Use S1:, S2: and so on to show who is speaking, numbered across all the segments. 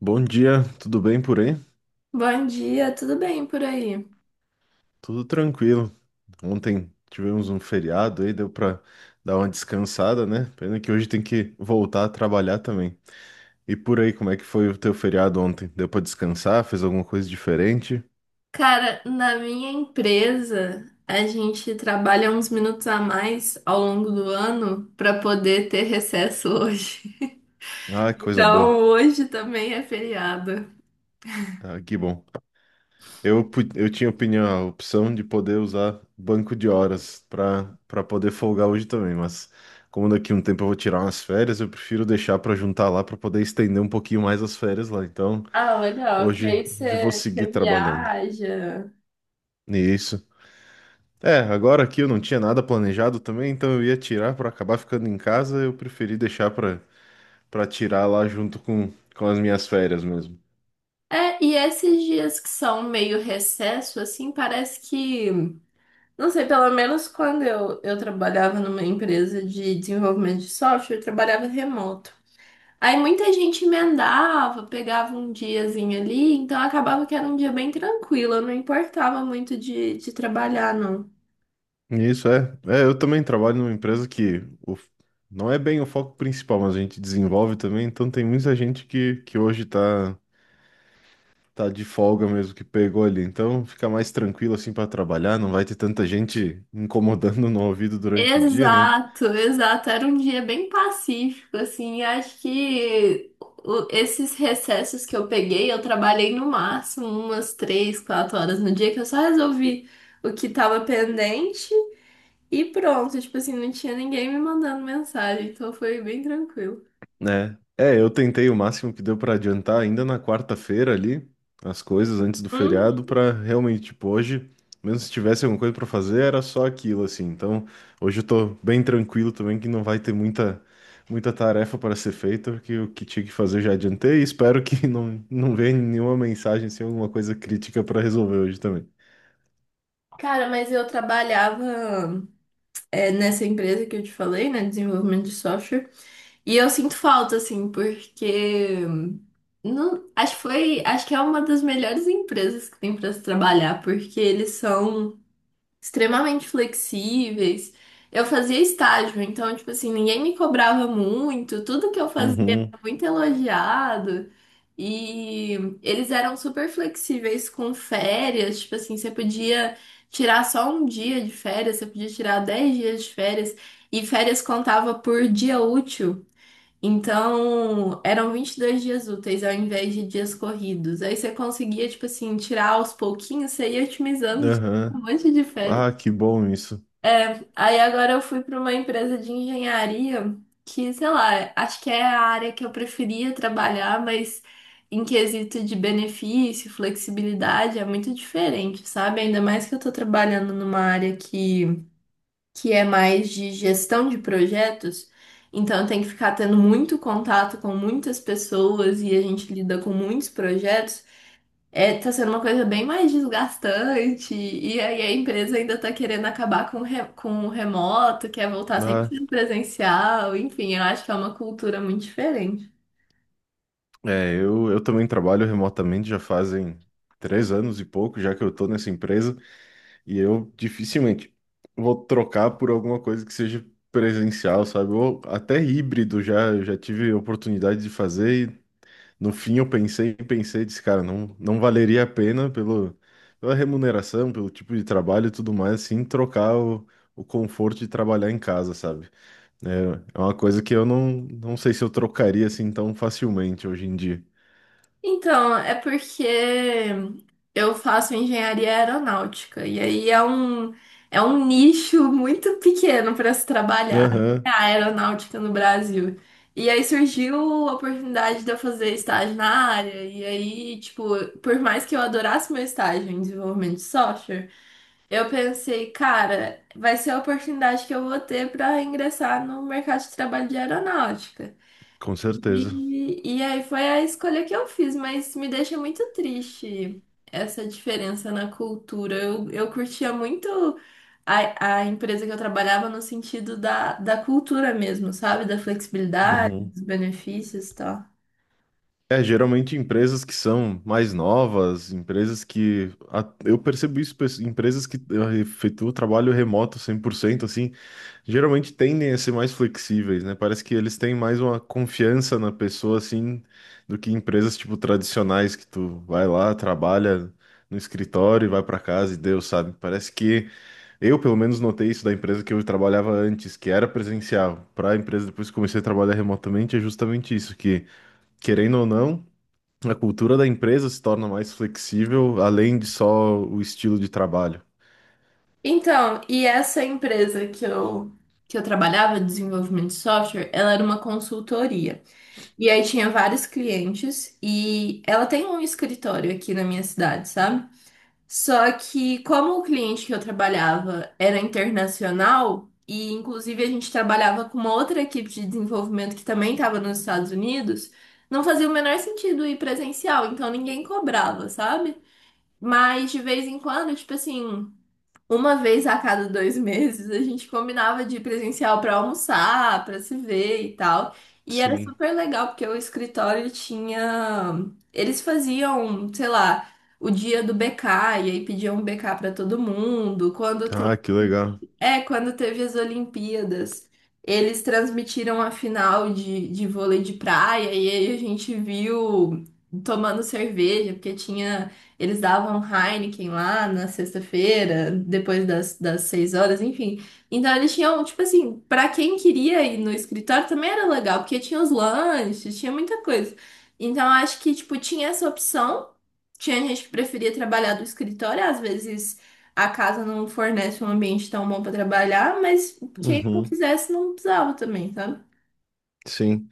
S1: Bom dia, tudo bem por aí?
S2: Bom dia, tudo bem por aí?
S1: Tudo tranquilo. Ontem tivemos um feriado aí, deu pra dar uma descansada, né? Pena que hoje tem que voltar a trabalhar também. E por aí, como é que foi o teu feriado ontem? Deu pra descansar? Fez alguma coisa diferente?
S2: Cara, na minha empresa, a gente trabalha uns minutos a mais ao longo do ano para poder ter recesso hoje.
S1: Ah, que coisa boa.
S2: Então, hoje também é feriado.
S1: Ah, que bom. Eu tinha opinião, a opção de poder usar banco de horas pra para poder folgar hoje também, mas como daqui a um tempo eu vou tirar umas férias, eu prefiro deixar pra juntar lá pra poder estender um pouquinho mais as férias lá. Então.
S2: Ah, legal, que
S1: Hoje,
S2: aí
S1: hoje vou
S2: você
S1: seguir
S2: você
S1: trabalhando
S2: viaja.
S1: isso. É, agora aqui eu não tinha nada planejado também, então eu ia tirar para acabar ficando em casa, eu preferi deixar para tirar lá junto com as minhas férias mesmo.
S2: É, e esses dias que são meio recesso, assim, parece que. Não sei, pelo menos quando eu trabalhava numa empresa de desenvolvimento de software, eu trabalhava remoto. Aí muita gente emendava, pegava um diazinho ali, então acabava que era um dia bem tranquilo, eu não importava muito de trabalhar, não.
S1: Isso é. É, eu também trabalho numa empresa que o, não é bem o foco principal, mas a gente desenvolve também, então tem muita gente que hoje tá de folga mesmo que pegou ali, então fica mais tranquilo assim para trabalhar, não vai ter tanta gente incomodando no ouvido durante o dia, né?
S2: Exato, exato, era um dia bem pacífico, assim, acho que esses recessos que eu peguei, eu trabalhei no máximo umas 3, 4 horas no dia, que eu só resolvi o que tava pendente e pronto, tipo assim, não tinha ninguém me mandando mensagem, então foi bem tranquilo.
S1: né? É, eu tentei o máximo que deu pra adiantar ainda na quarta-feira ali, as coisas antes do
S2: Uhum.
S1: feriado, pra realmente, tipo, hoje, mesmo se tivesse alguma coisa pra fazer, era só aquilo, assim. Então, hoje eu tô bem tranquilo também, que não vai ter muita, muita tarefa para ser feita, porque o que tinha que fazer eu já adiantei e espero que não, não venha nenhuma mensagem, sem alguma coisa crítica pra resolver hoje também.
S2: Cara, mas eu trabalhava. É, nessa empresa que eu te falei, né, desenvolvimento de software. E eu sinto falta, assim, porque não, acho que foi, acho que é uma das melhores empresas que tem para se trabalhar, porque eles são extremamente flexíveis. Eu fazia estágio, então, tipo assim, ninguém me cobrava muito, tudo que eu fazia
S1: Uhum.
S2: era muito elogiado. E eles eram super flexíveis com férias, tipo assim, você podia tirar só um dia de férias, você podia tirar 10 dias de férias, e férias contava por dia útil. Então, eram 22 dias úteis ao invés de dias corridos. Aí você conseguia, tipo assim, tirar aos pouquinhos, você ia otimizando
S1: Aham.
S2: um monte de férias.
S1: Ah, que bom isso.
S2: Aí agora eu fui para uma empresa de engenharia que, sei lá, acho que é a área que eu preferia trabalhar, mas em quesito de benefício, flexibilidade, é muito diferente, sabe? Ainda mais que eu tô trabalhando numa área que é mais de gestão de projetos, então eu tenho que ficar tendo muito contato com muitas pessoas e a gente lida com muitos projetos. É, tá sendo uma coisa bem mais desgastante, e aí a empresa ainda tá querendo acabar com, com o remoto, quer voltar
S1: Ah.
S2: sempre presencial, enfim, eu acho que é uma cultura muito diferente.
S1: É, eu também trabalho remotamente já fazem 3 anos e pouco, já que eu tô nessa empresa, e eu dificilmente vou trocar por alguma coisa que seja presencial, sabe? Ou até híbrido já, eu já tive oportunidade de fazer, e no fim eu pensei, pensei, disse, cara, não, não valeria a pena pelo, pela remuneração, pelo tipo de trabalho e tudo mais, assim, trocar o conforto de trabalhar em casa, sabe? É, é uma coisa que eu não, não sei se eu trocaria assim tão facilmente hoje em dia.
S2: Então, é porque eu faço engenharia aeronáutica e aí é um nicho muito pequeno para se trabalhar, né,
S1: Aham,
S2: a aeronáutica no Brasil. E aí surgiu a oportunidade de eu fazer estágio na área. E aí, tipo, por mais que eu adorasse meu estágio em desenvolvimento de software, eu pensei, cara, vai ser a oportunidade que eu vou ter para ingressar no mercado de trabalho de aeronáutica.
S1: com certeza.
S2: E aí foi a escolha que eu fiz, mas me deixa muito triste essa diferença na cultura. Eu curtia muito a empresa que eu trabalhava no sentido da cultura mesmo, sabe? Da flexibilidade,
S1: Uhum.
S2: dos benefícios e tal.
S1: É, geralmente empresas que são mais novas, empresas que, eu percebo isso, empresas que efetuam trabalho remoto 100%, assim, geralmente tendem a ser mais flexíveis, né? Parece que eles têm mais uma confiança na pessoa, assim, do que empresas, tipo, tradicionais, que tu vai lá, trabalha no escritório e vai pra casa e deu, sabe? Parece que eu, pelo menos, notei isso da empresa que eu trabalhava antes, que era presencial, para a empresa depois que comecei a trabalhar remotamente, é justamente isso, que, querendo ou não, a cultura da empresa se torna mais flexível, além de só o estilo de trabalho.
S2: Então, e essa empresa que eu trabalhava, desenvolvimento de software, ela era uma consultoria. E aí tinha vários clientes e ela tem um escritório aqui na minha cidade, sabe? Só que como o cliente que eu trabalhava era internacional, e inclusive a gente trabalhava com uma outra equipe de desenvolvimento que também estava nos Estados Unidos, não fazia o menor sentido ir presencial, então ninguém cobrava, sabe? Mas de vez em quando, tipo assim, uma vez a cada 2 meses a gente combinava de ir presencial para almoçar, para se ver e tal. E era
S1: Sim.
S2: super legal porque o escritório tinha. Eles faziam, sei lá, o dia do BK, e aí pediam um BK para todo mundo. Quando
S1: Ah, que legal.
S2: é, quando teve as Olimpíadas, eles transmitiram a final de vôlei de praia e aí a gente viu tomando cerveja, porque tinha, eles davam Heineken lá na sexta-feira, depois das 6 horas, enfim. Então eles tinham, tipo assim, pra quem queria ir no escritório também era legal, porque tinha os lanches, tinha muita coisa. Então acho que, tipo, tinha essa opção. Tinha gente que preferia trabalhar do escritório, às vezes. A casa não fornece um ambiente tão bom para trabalhar, mas quem não
S1: Uhum.
S2: quisesse não precisava também, sabe?
S1: Sim.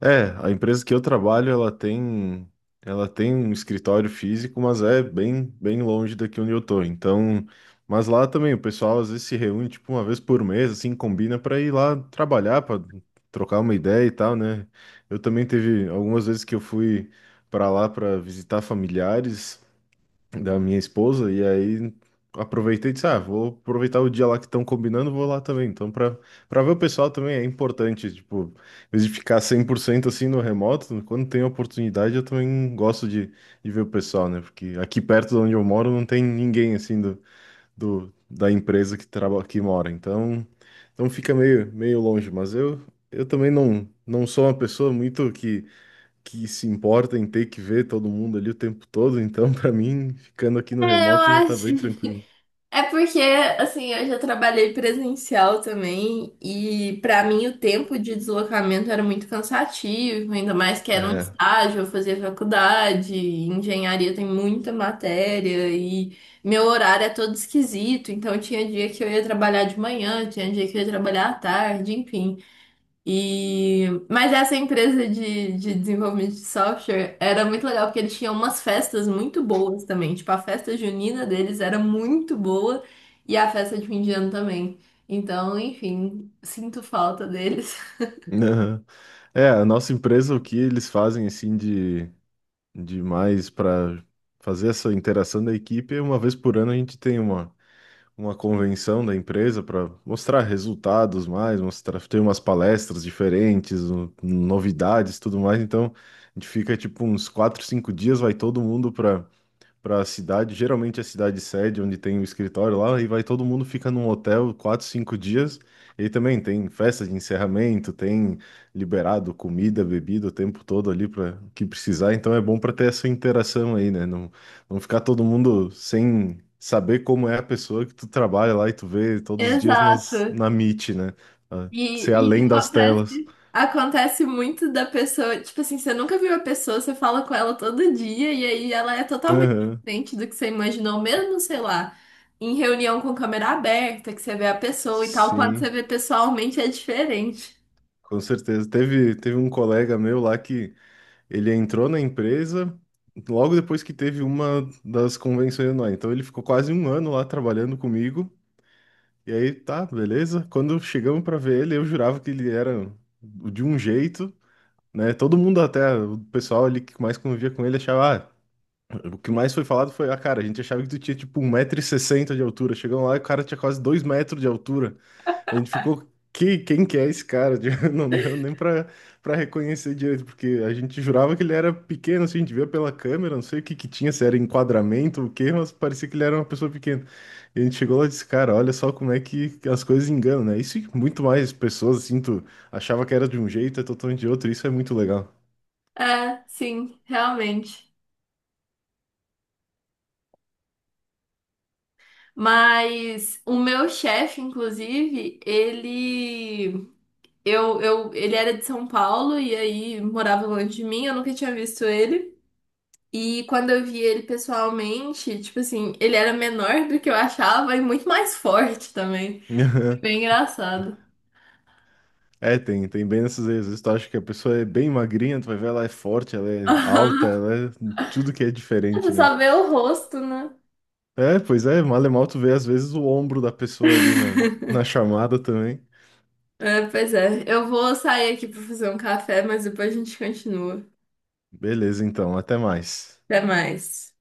S1: É, a empresa que eu trabalho, ela tem um escritório físico, mas é bem, bem longe daqui onde eu tô. Então, mas lá também o pessoal às vezes se reúne tipo uma vez por mês, assim, combina para ir lá trabalhar, para trocar uma ideia e tal, né? Eu também teve algumas vezes que eu fui para lá para visitar familiares da minha esposa, e aí aproveitei e disse, ah, vou aproveitar o dia lá que estão combinando, vou lá também. Então, para ver o pessoal também é importante, tipo, em vez de ficar 100% assim no remoto, quando tem oportunidade eu também gosto de ver o pessoal, né? Porque aqui perto de onde eu moro não tem ninguém assim do, do da empresa que trabalha que mora. então, fica meio longe, mas eu também não, não sou uma pessoa muito que se importa em ter que ver todo mundo ali o tempo todo, então pra mim, ficando aqui no
S2: É, eu
S1: remoto já tá
S2: acho.
S1: bem tranquilo.
S2: É porque, assim, eu já trabalhei presencial também e pra mim o tempo de deslocamento era muito cansativo, ainda mais que era um
S1: É.
S2: estágio, eu fazia faculdade, engenharia tem muita matéria e meu horário é todo esquisito, então tinha dia que eu ia trabalhar de manhã, tinha dia que eu ia trabalhar à tarde, enfim. E... Mas essa empresa de desenvolvimento de software era muito legal, porque eles tinham umas festas muito boas também. Tipo, a festa junina deles era muito boa e a festa de fim de ano também. Então, enfim, sinto falta deles.
S1: Aham. É, a nossa empresa, o que eles fazem assim de mais para fazer essa interação da equipe, é uma vez por ano a gente tem uma convenção da empresa para mostrar resultados mais, mostrar, tem umas palestras diferentes, novidades, tudo mais. Então, a gente fica tipo uns 4, 5 dias, vai todo mundo para a cidade, geralmente a cidade sede, onde tem o escritório lá, e vai todo mundo fica num hotel 4, 5 dias. E aí também tem festa de encerramento, tem liberado comida, bebida o tempo todo ali para que precisar. Então é bom para ter essa interação aí, né? Não, não ficar todo mundo sem saber como é a pessoa que tu trabalha lá e tu vê todos os dias nas,
S2: Exato.
S1: na Meet, né? Ah, ser
S2: E
S1: além das
S2: acontece.
S1: telas.
S2: Acontece muito da pessoa, tipo assim, você nunca viu a pessoa, você fala com ela todo dia e aí ela é totalmente
S1: Aham.
S2: diferente do que você imaginou, mesmo, sei lá, em reunião com câmera aberta, que você vê a pessoa e tal, quando você
S1: Sim,
S2: vê pessoalmente é diferente.
S1: com certeza. Teve um colega meu lá que ele entrou na empresa logo depois que teve uma das convenções anuais. Então ele ficou quase um ano lá trabalhando comigo. E aí, tá, beleza. Quando chegamos para ver ele, eu jurava que ele era de um jeito, né? Todo mundo, até o pessoal ali que mais convivia com ele, achava, ah, o que mais foi falado foi, ah, cara, a gente achava que tu tinha tipo 1,60 m de altura. Chegamos lá e o cara tinha quase 2 metros de altura. A gente ficou, que, quem que é esse cara? Não deu nem pra reconhecer direito, porque a gente jurava que ele era pequeno, assim, a gente via pela câmera, não sei o que que tinha, se era enquadramento ou o quê, mas parecia que ele era uma pessoa pequena. E a gente chegou lá e disse, cara, olha só como é que as coisas enganam, né? Isso e muito mais pessoas, assim, tu achava que era de um jeito, é totalmente de outro, isso é muito legal.
S2: É, sim, realmente. Mas o meu chefe, inclusive, ele eu ele era de São Paulo e aí morava longe de mim, eu nunca tinha visto ele. E quando eu vi ele pessoalmente, tipo assim, ele era menor do que eu achava e muito mais forte também. Bem engraçado.
S1: É, tem bem nessas vezes. Às vezes tu acha que a pessoa é bem magrinha, tu vai ver, ela é forte, ela é alta,
S2: Aham.
S1: ela é tudo que é
S2: Você
S1: diferente, né?
S2: só vê o rosto, né?
S1: É, pois é, mal e mal tu vê às vezes o ombro da pessoa ali na chamada também.
S2: É, pois é. Eu vou sair aqui pra fazer um café, mas depois a gente continua.
S1: Beleza, então, até mais.
S2: Até mais.